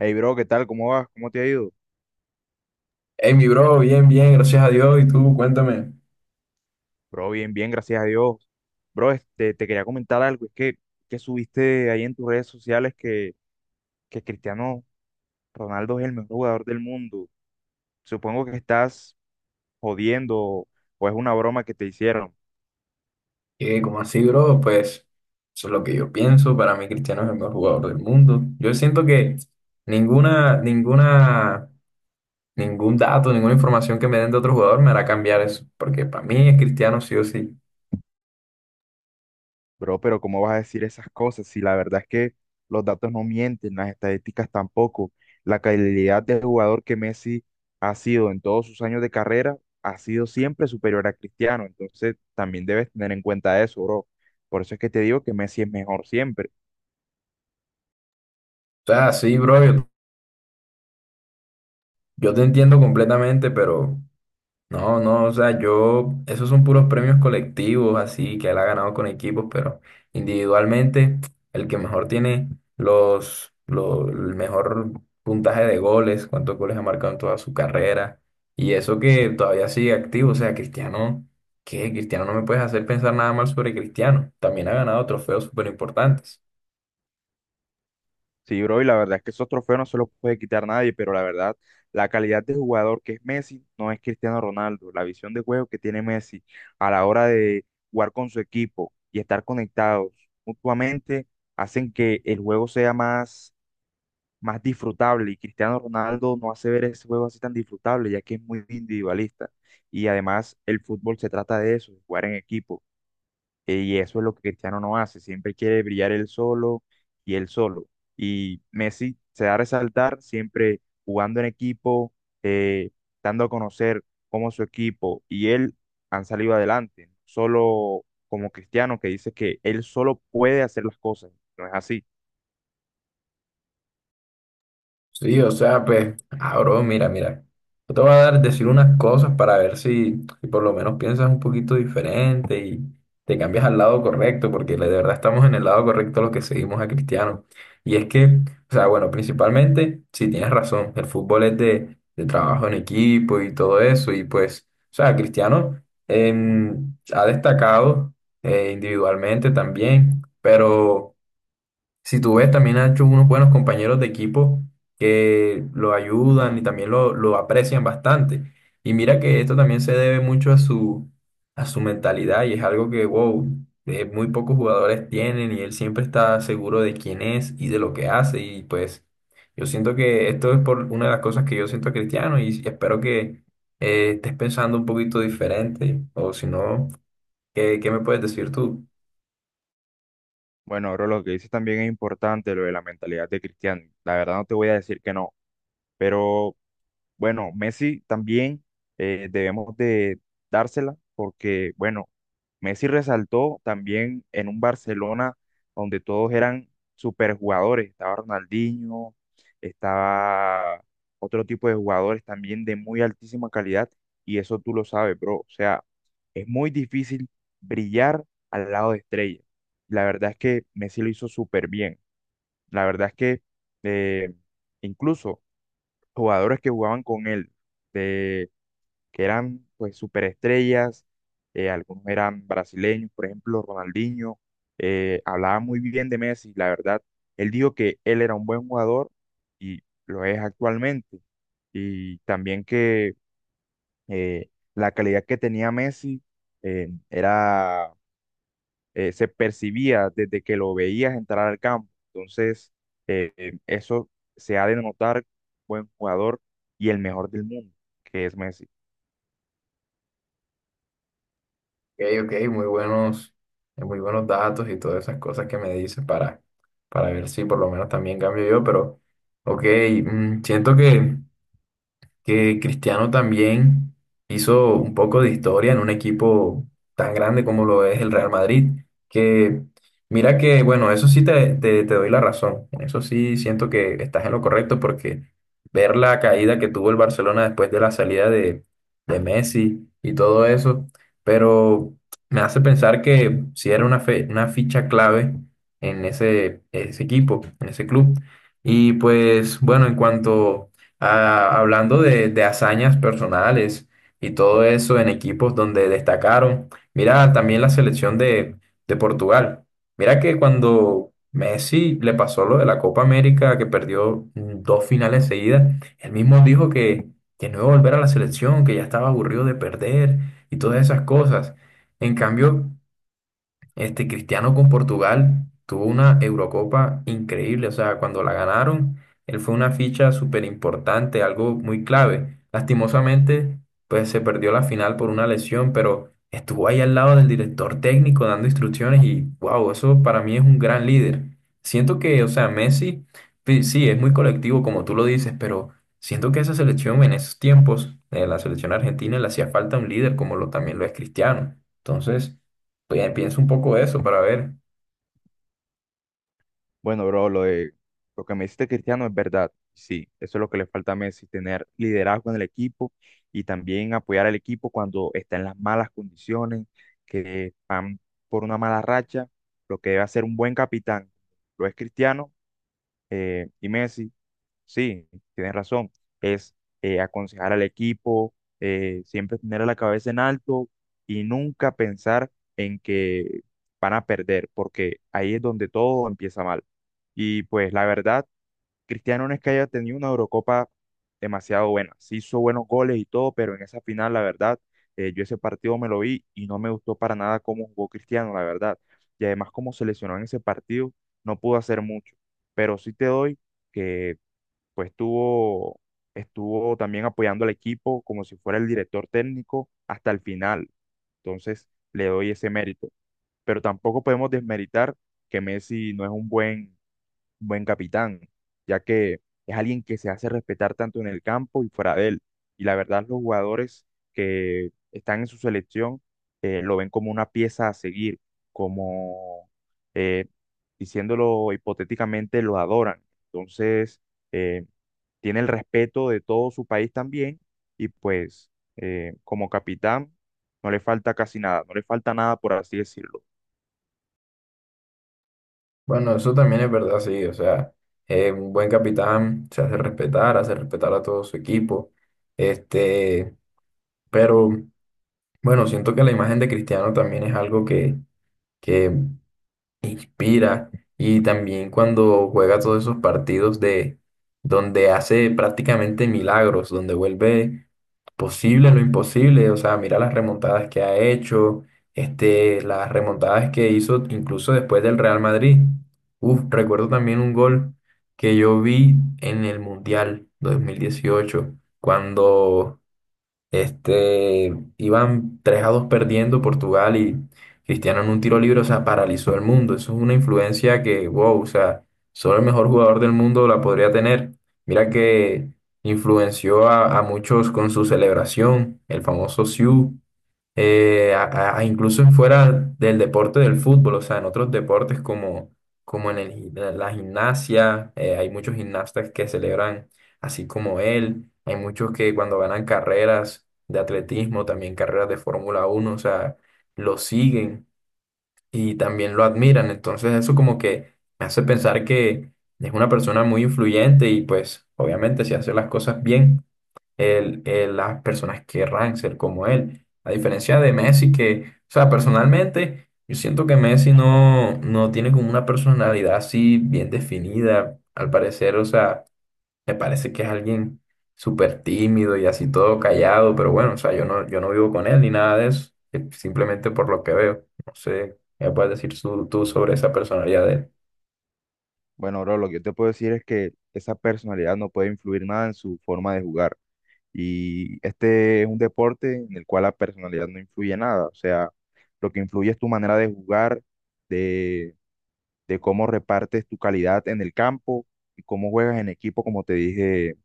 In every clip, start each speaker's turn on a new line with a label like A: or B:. A: Hey, bro, ¿qué tal? ¿Cómo vas? ¿Cómo te ha ido?
B: Hey, mi bro, bien, bien, gracias a Dios. Y tú, cuéntame,
A: Bro, bien, bien, gracias a Dios. Bro, te quería comentar algo. Que subiste ahí en tus redes sociales que Cristiano Ronaldo es el mejor jugador del mundo. Supongo que estás jodiendo o es una broma que te hicieron.
B: ¿qué, cómo así, bro? Pues eso es lo que yo pienso. Para mí, Cristiano es el mejor jugador del mundo. Yo siento que ninguna, ninguna, ningún dato, ninguna información que me den de otro jugador me hará cambiar eso. Porque para mí es Cristiano sí o sí.
A: Bro, pero ¿cómo vas a decir esas cosas si la verdad es que los datos no mienten, las estadísticas tampoco? La calidad de jugador que Messi ha sido en todos sus años de carrera ha sido siempre superior a Cristiano, entonces también debes tener en cuenta eso, bro. Por eso es que te digo que Messi es mejor siempre.
B: O sea, sí, bro, yo te entiendo completamente, pero no, no, o sea, yo, esos son puros premios colectivos, así que él ha ganado con equipos, pero individualmente, el que mejor tiene el mejor puntaje de goles, cuántos goles ha marcado en toda su carrera, y eso que todavía sigue activo, o sea, Cristiano, ¿qué? Cristiano no me puedes hacer pensar nada mal sobre Cristiano, también ha ganado trofeos súper importantes.
A: Sí, bro, y la verdad es que esos trofeos no se los puede quitar nadie, pero la verdad, la calidad de jugador que es Messi no es Cristiano Ronaldo. La visión de juego que tiene Messi a la hora de jugar con su equipo y estar conectados mutuamente hacen que el juego sea más disfrutable. Y Cristiano Ronaldo no hace ver ese juego así tan disfrutable, ya que es muy individualista. Y además, el fútbol se trata de eso, jugar en equipo. Y eso es lo que Cristiano no hace, siempre quiere brillar él solo. Y Messi se da a resaltar siempre jugando en equipo, eh, dando a conocer cómo su equipo y él han salido adelante, no solo como Cristiano que dice que él solo puede hacer las cosas, no es así.
B: Sí, o sea, pues, ah, bro, mira. Yo te voy a decir unas cosas para ver si por lo menos piensas un poquito diferente y te cambias al lado correcto, porque de verdad estamos en el lado correcto los que seguimos a Cristiano. Y es que, o sea, bueno, principalmente, si tienes razón, el fútbol es de trabajo en equipo y todo eso, y pues, o sea, Cristiano ha destacado individualmente también, pero si tú ves, también ha hecho unos buenos compañeros de equipo que lo ayudan y también lo aprecian bastante. Y mira que esto también se debe mucho a a su mentalidad y es algo que, wow, muy pocos jugadores tienen y él siempre está seguro de quién es y de lo que hace. Y pues yo siento que esto es por una de las cosas que yo siento a Cristiano y espero que estés pensando un poquito diferente o si no, ¿ qué me puedes decir tú?
A: Bueno, bro, lo que dices también es importante, lo de la mentalidad de Cristiano. La verdad no te voy a decir que no, pero bueno, Messi también debemos de dársela porque, bueno, Messi resaltó también en un Barcelona donde todos eran superjugadores. Estaba Ronaldinho, estaba otro tipo de jugadores también de muy altísima calidad y eso tú lo sabes, bro. O sea, es muy difícil brillar al lado de estrellas. La verdad es que Messi lo hizo súper bien. La verdad es que eh, incluso jugadores que jugaban con él, de, que eran pues superestrellas, algunos eran brasileños, por ejemplo, Ronaldinho, hablaba muy bien de Messi, la verdad, él dijo que él era un buen jugador y lo es actualmente, y también que la calidad que tenía Messi era se percibía desde que lo veías entrar al campo. Entonces, eso se ha de notar buen jugador y el mejor del mundo, que es Messi.
B: Ok, ok, muy buenos datos y todas esas cosas que me dices para ver si por lo menos también cambio yo, pero ok, mm, siento que Cristiano también hizo un poco de historia en un equipo tan grande como lo es el Real Madrid, que mira que, bueno, eso sí te doy la razón, en eso sí siento que estás en lo correcto porque ver la caída que tuvo el Barcelona después de de Messi y todo eso, pero me hace pensar que sí era una, una ficha clave en ese equipo, en ese club. Y pues bueno, en cuanto ah, hablando de hazañas personales y todo eso en equipos donde destacaron, mira también la selección de Portugal. Mira que cuando Messi le pasó lo de la Copa América, que perdió dos finales seguidas, él mismo dijo que no iba a volver a la selección, que ya estaba aburrido de perder y todas esas cosas. En cambio, este Cristiano con Portugal tuvo una Eurocopa increíble, o sea, cuando la ganaron, él fue una ficha súper importante, algo muy clave. Lastimosamente, pues se perdió la final por una lesión, pero estuvo ahí al lado del director técnico dando instrucciones y wow, eso para mí es un gran líder. Siento que, o sea, Messi, sí, es muy colectivo como tú lo dices, pero siento que esa selección en esos tiempos, la selección argentina, le hacía falta un líder como lo también lo es Cristiano. Entonces pues, pienso un poco de eso para ver.
A: Bueno, bro, lo de lo que me hiciste Cristiano es verdad. Sí, eso es lo que le falta a Messi, tener liderazgo en el equipo y también apoyar al equipo cuando está en las malas condiciones, que van por una mala racha, lo que debe hacer un buen capitán. Lo es Cristiano y Messi sí, tienes razón. Es aconsejar al equipo, siempre tener la cabeza en alto y nunca pensar en que van a perder, porque ahí es donde todo empieza mal. Y pues la verdad, Cristiano no es que haya tenido una Eurocopa demasiado buena. Sí hizo buenos goles y todo, pero en esa final, la verdad, yo ese partido me lo vi y no me gustó para nada cómo jugó Cristiano, la verdad. Y además, como se lesionó en ese partido, no pudo hacer mucho. Pero sí te doy que pues estuvo también apoyando al equipo como si fuera el director técnico hasta el final. Entonces, le doy ese mérito. Pero tampoco podemos desmeritar que Messi no es un buen capitán, ya que es alguien que se hace respetar tanto en el campo y fuera de él. Y la verdad, los jugadores que están en su selección lo ven como una pieza a seguir, como, eh, diciéndolo hipotéticamente, lo adoran. Entonces, eh, tiene el respeto de todo su país también y pues como capitán no le falta casi nada, no le falta nada por así decirlo.
B: Bueno, eso también es verdad, sí. O sea, un buen capitán se hace respetar a todo su equipo. Este, pero bueno, siento que la imagen de Cristiano también es algo que inspira y también cuando juega todos esos partidos de donde hace prácticamente milagros, donde vuelve posible lo imposible, o sea, mira las remontadas que ha hecho, este, las remontadas que hizo incluso después del Real Madrid. Uf, recuerdo también un gol que yo vi en el Mundial 2018 cuando este, iban 3-2 perdiendo Portugal y Cristiano en un tiro libre, o sea, paralizó el mundo. Eso es una influencia que, wow, o sea, solo el mejor jugador del mundo la podría tener. Mira que influenció a muchos con su celebración, el famoso Siu, incluso en fuera del deporte del fútbol, o sea, en otros deportes como, como en la gimnasia, hay muchos gimnastas que celebran así como él, hay muchos que cuando ganan carreras de atletismo, también carreras de Fórmula 1, o sea, lo siguen y también lo admiran, entonces eso como que me hace pensar que es una persona muy influyente y pues obviamente si hace las cosas bien las personas querrán ser como él. A diferencia de Messi, que, o sea, personalmente, yo siento que Messi no tiene como una personalidad así bien definida, al parecer, o sea, me parece que es alguien súper tímido y así todo callado, pero bueno, o sea, yo no vivo con él ni nada de eso, simplemente por lo que veo. No sé, ¿qué me puedes decir tú sobre esa personalidad de él?
A: Bueno, bro, lo que yo te puedo decir es que esa personalidad no puede influir nada en su forma de jugar. Y este es un deporte en el cual la personalidad no influye nada. O sea, lo que influye es tu manera de jugar, de, de cómo repartes tu calidad en el campo y cómo juegas en equipo, como te dije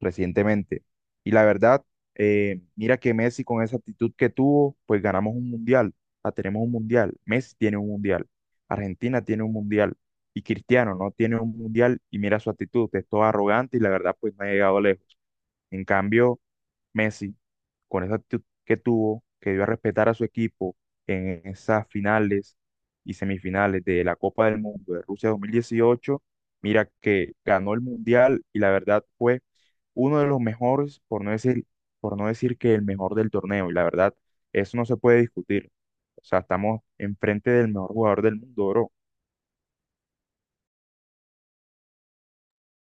A: recientemente. Y la verdad, mira que Messi con esa actitud que tuvo, pues ganamos un mundial, ah, tenemos un mundial, Messi tiene un mundial, Argentina tiene un mundial y Cristiano no tiene un mundial y mira su actitud, es todo arrogante y la verdad pues no ha llegado lejos. En cambio, Messi con esa actitud que tuvo, que dio a respetar a su equipo en esas finales y semifinales de la Copa del Mundo de Rusia 2018, mira que ganó el Mundial y la verdad fue uno de los mejores, por no decir que el mejor del torneo, y la verdad, eso no se puede discutir. O sea, estamos enfrente del mejor jugador del mundo, bro.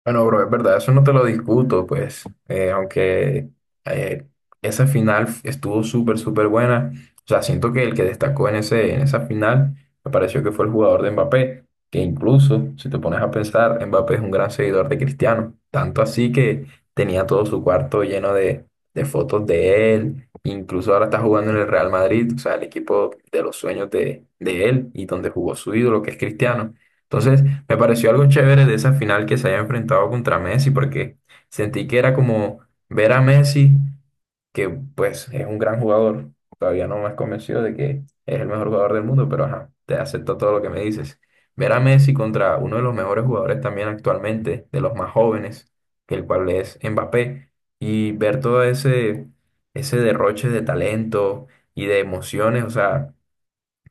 B: Bueno, bro, es verdad, eso no te lo discuto, pues, aunque eh, esa final estuvo súper, súper buena. O sea, siento que el que destacó en en esa final me pareció que fue el jugador de Mbappé, que incluso, si te pones a pensar, Mbappé es un gran seguidor de Cristiano, tanto así que tenía todo su cuarto lleno de fotos de él, incluso ahora está jugando en el Real Madrid, o sea, el equipo de los sueños de él y donde jugó su ídolo, que es Cristiano. Entonces, me pareció algo chévere de esa final que se haya enfrentado contra Messi, porque sentí que era como ver a Messi, que pues es un gran jugador. Todavía no me has convencido de que es el mejor jugador del mundo, pero ajá, te acepto todo lo que me dices. Ver a Messi contra uno de los mejores jugadores también actualmente, de los más jóvenes, que el cual es Mbappé, y ver todo ese derroche de talento y de emociones, o sea,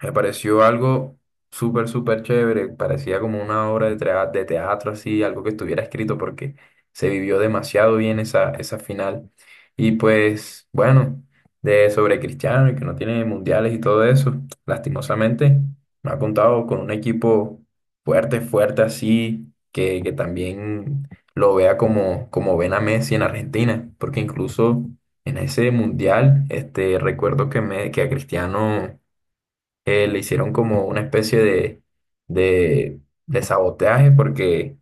B: me pareció algo súper, súper chévere. Parecía como una obra de, de teatro así, algo que estuviera escrito porque se vivió demasiado bien esa final. Y pues, bueno, de sobre Cristiano y que no tiene mundiales y todo eso, lastimosamente, no ha contado con un equipo fuerte, fuerte así, que también lo vea como, como ven a Messi en Argentina, porque incluso en ese mundial, este, recuerdo que a Cristiano le hicieron como una especie de, de sabotaje porque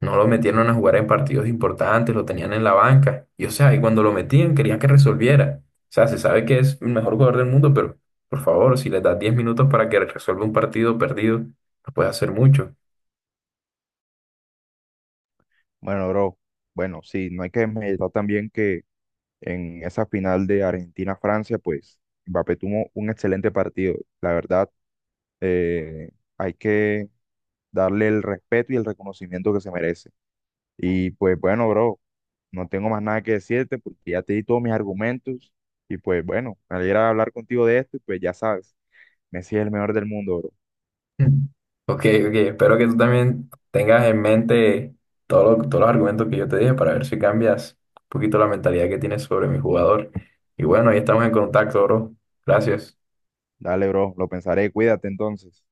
B: no lo metieron a jugar en partidos importantes, lo tenían en la banca. Y o sea, y cuando lo metían querían que resolviera. O sea, se sabe que es el mejor jugador del mundo, pero por favor, si le das 10 minutos para que resuelva un partido perdido, no puede hacer mucho.
A: Bueno, bro, bueno, sí, no hay que meditar también que en esa final de Argentina-Francia, pues Mbappé tuvo un excelente partido. La verdad, eh, hay que darle el respeto y el reconocimiento que se merece. Y pues bueno, bro, no tengo más nada que decirte porque ya te di todos mis argumentos y pues bueno, me alegra hablar contigo de esto y pues ya sabes, Messi es el mejor del mundo, bro.
B: Ok, ok, espero que tú también tengas en mente todos los argumentos que yo te dije para ver si cambias un poquito la mentalidad que tienes sobre mi jugador. Y bueno, ahí estamos en contacto, bro. Gracias.
A: Dale, bro, lo pensaré, cuídate entonces.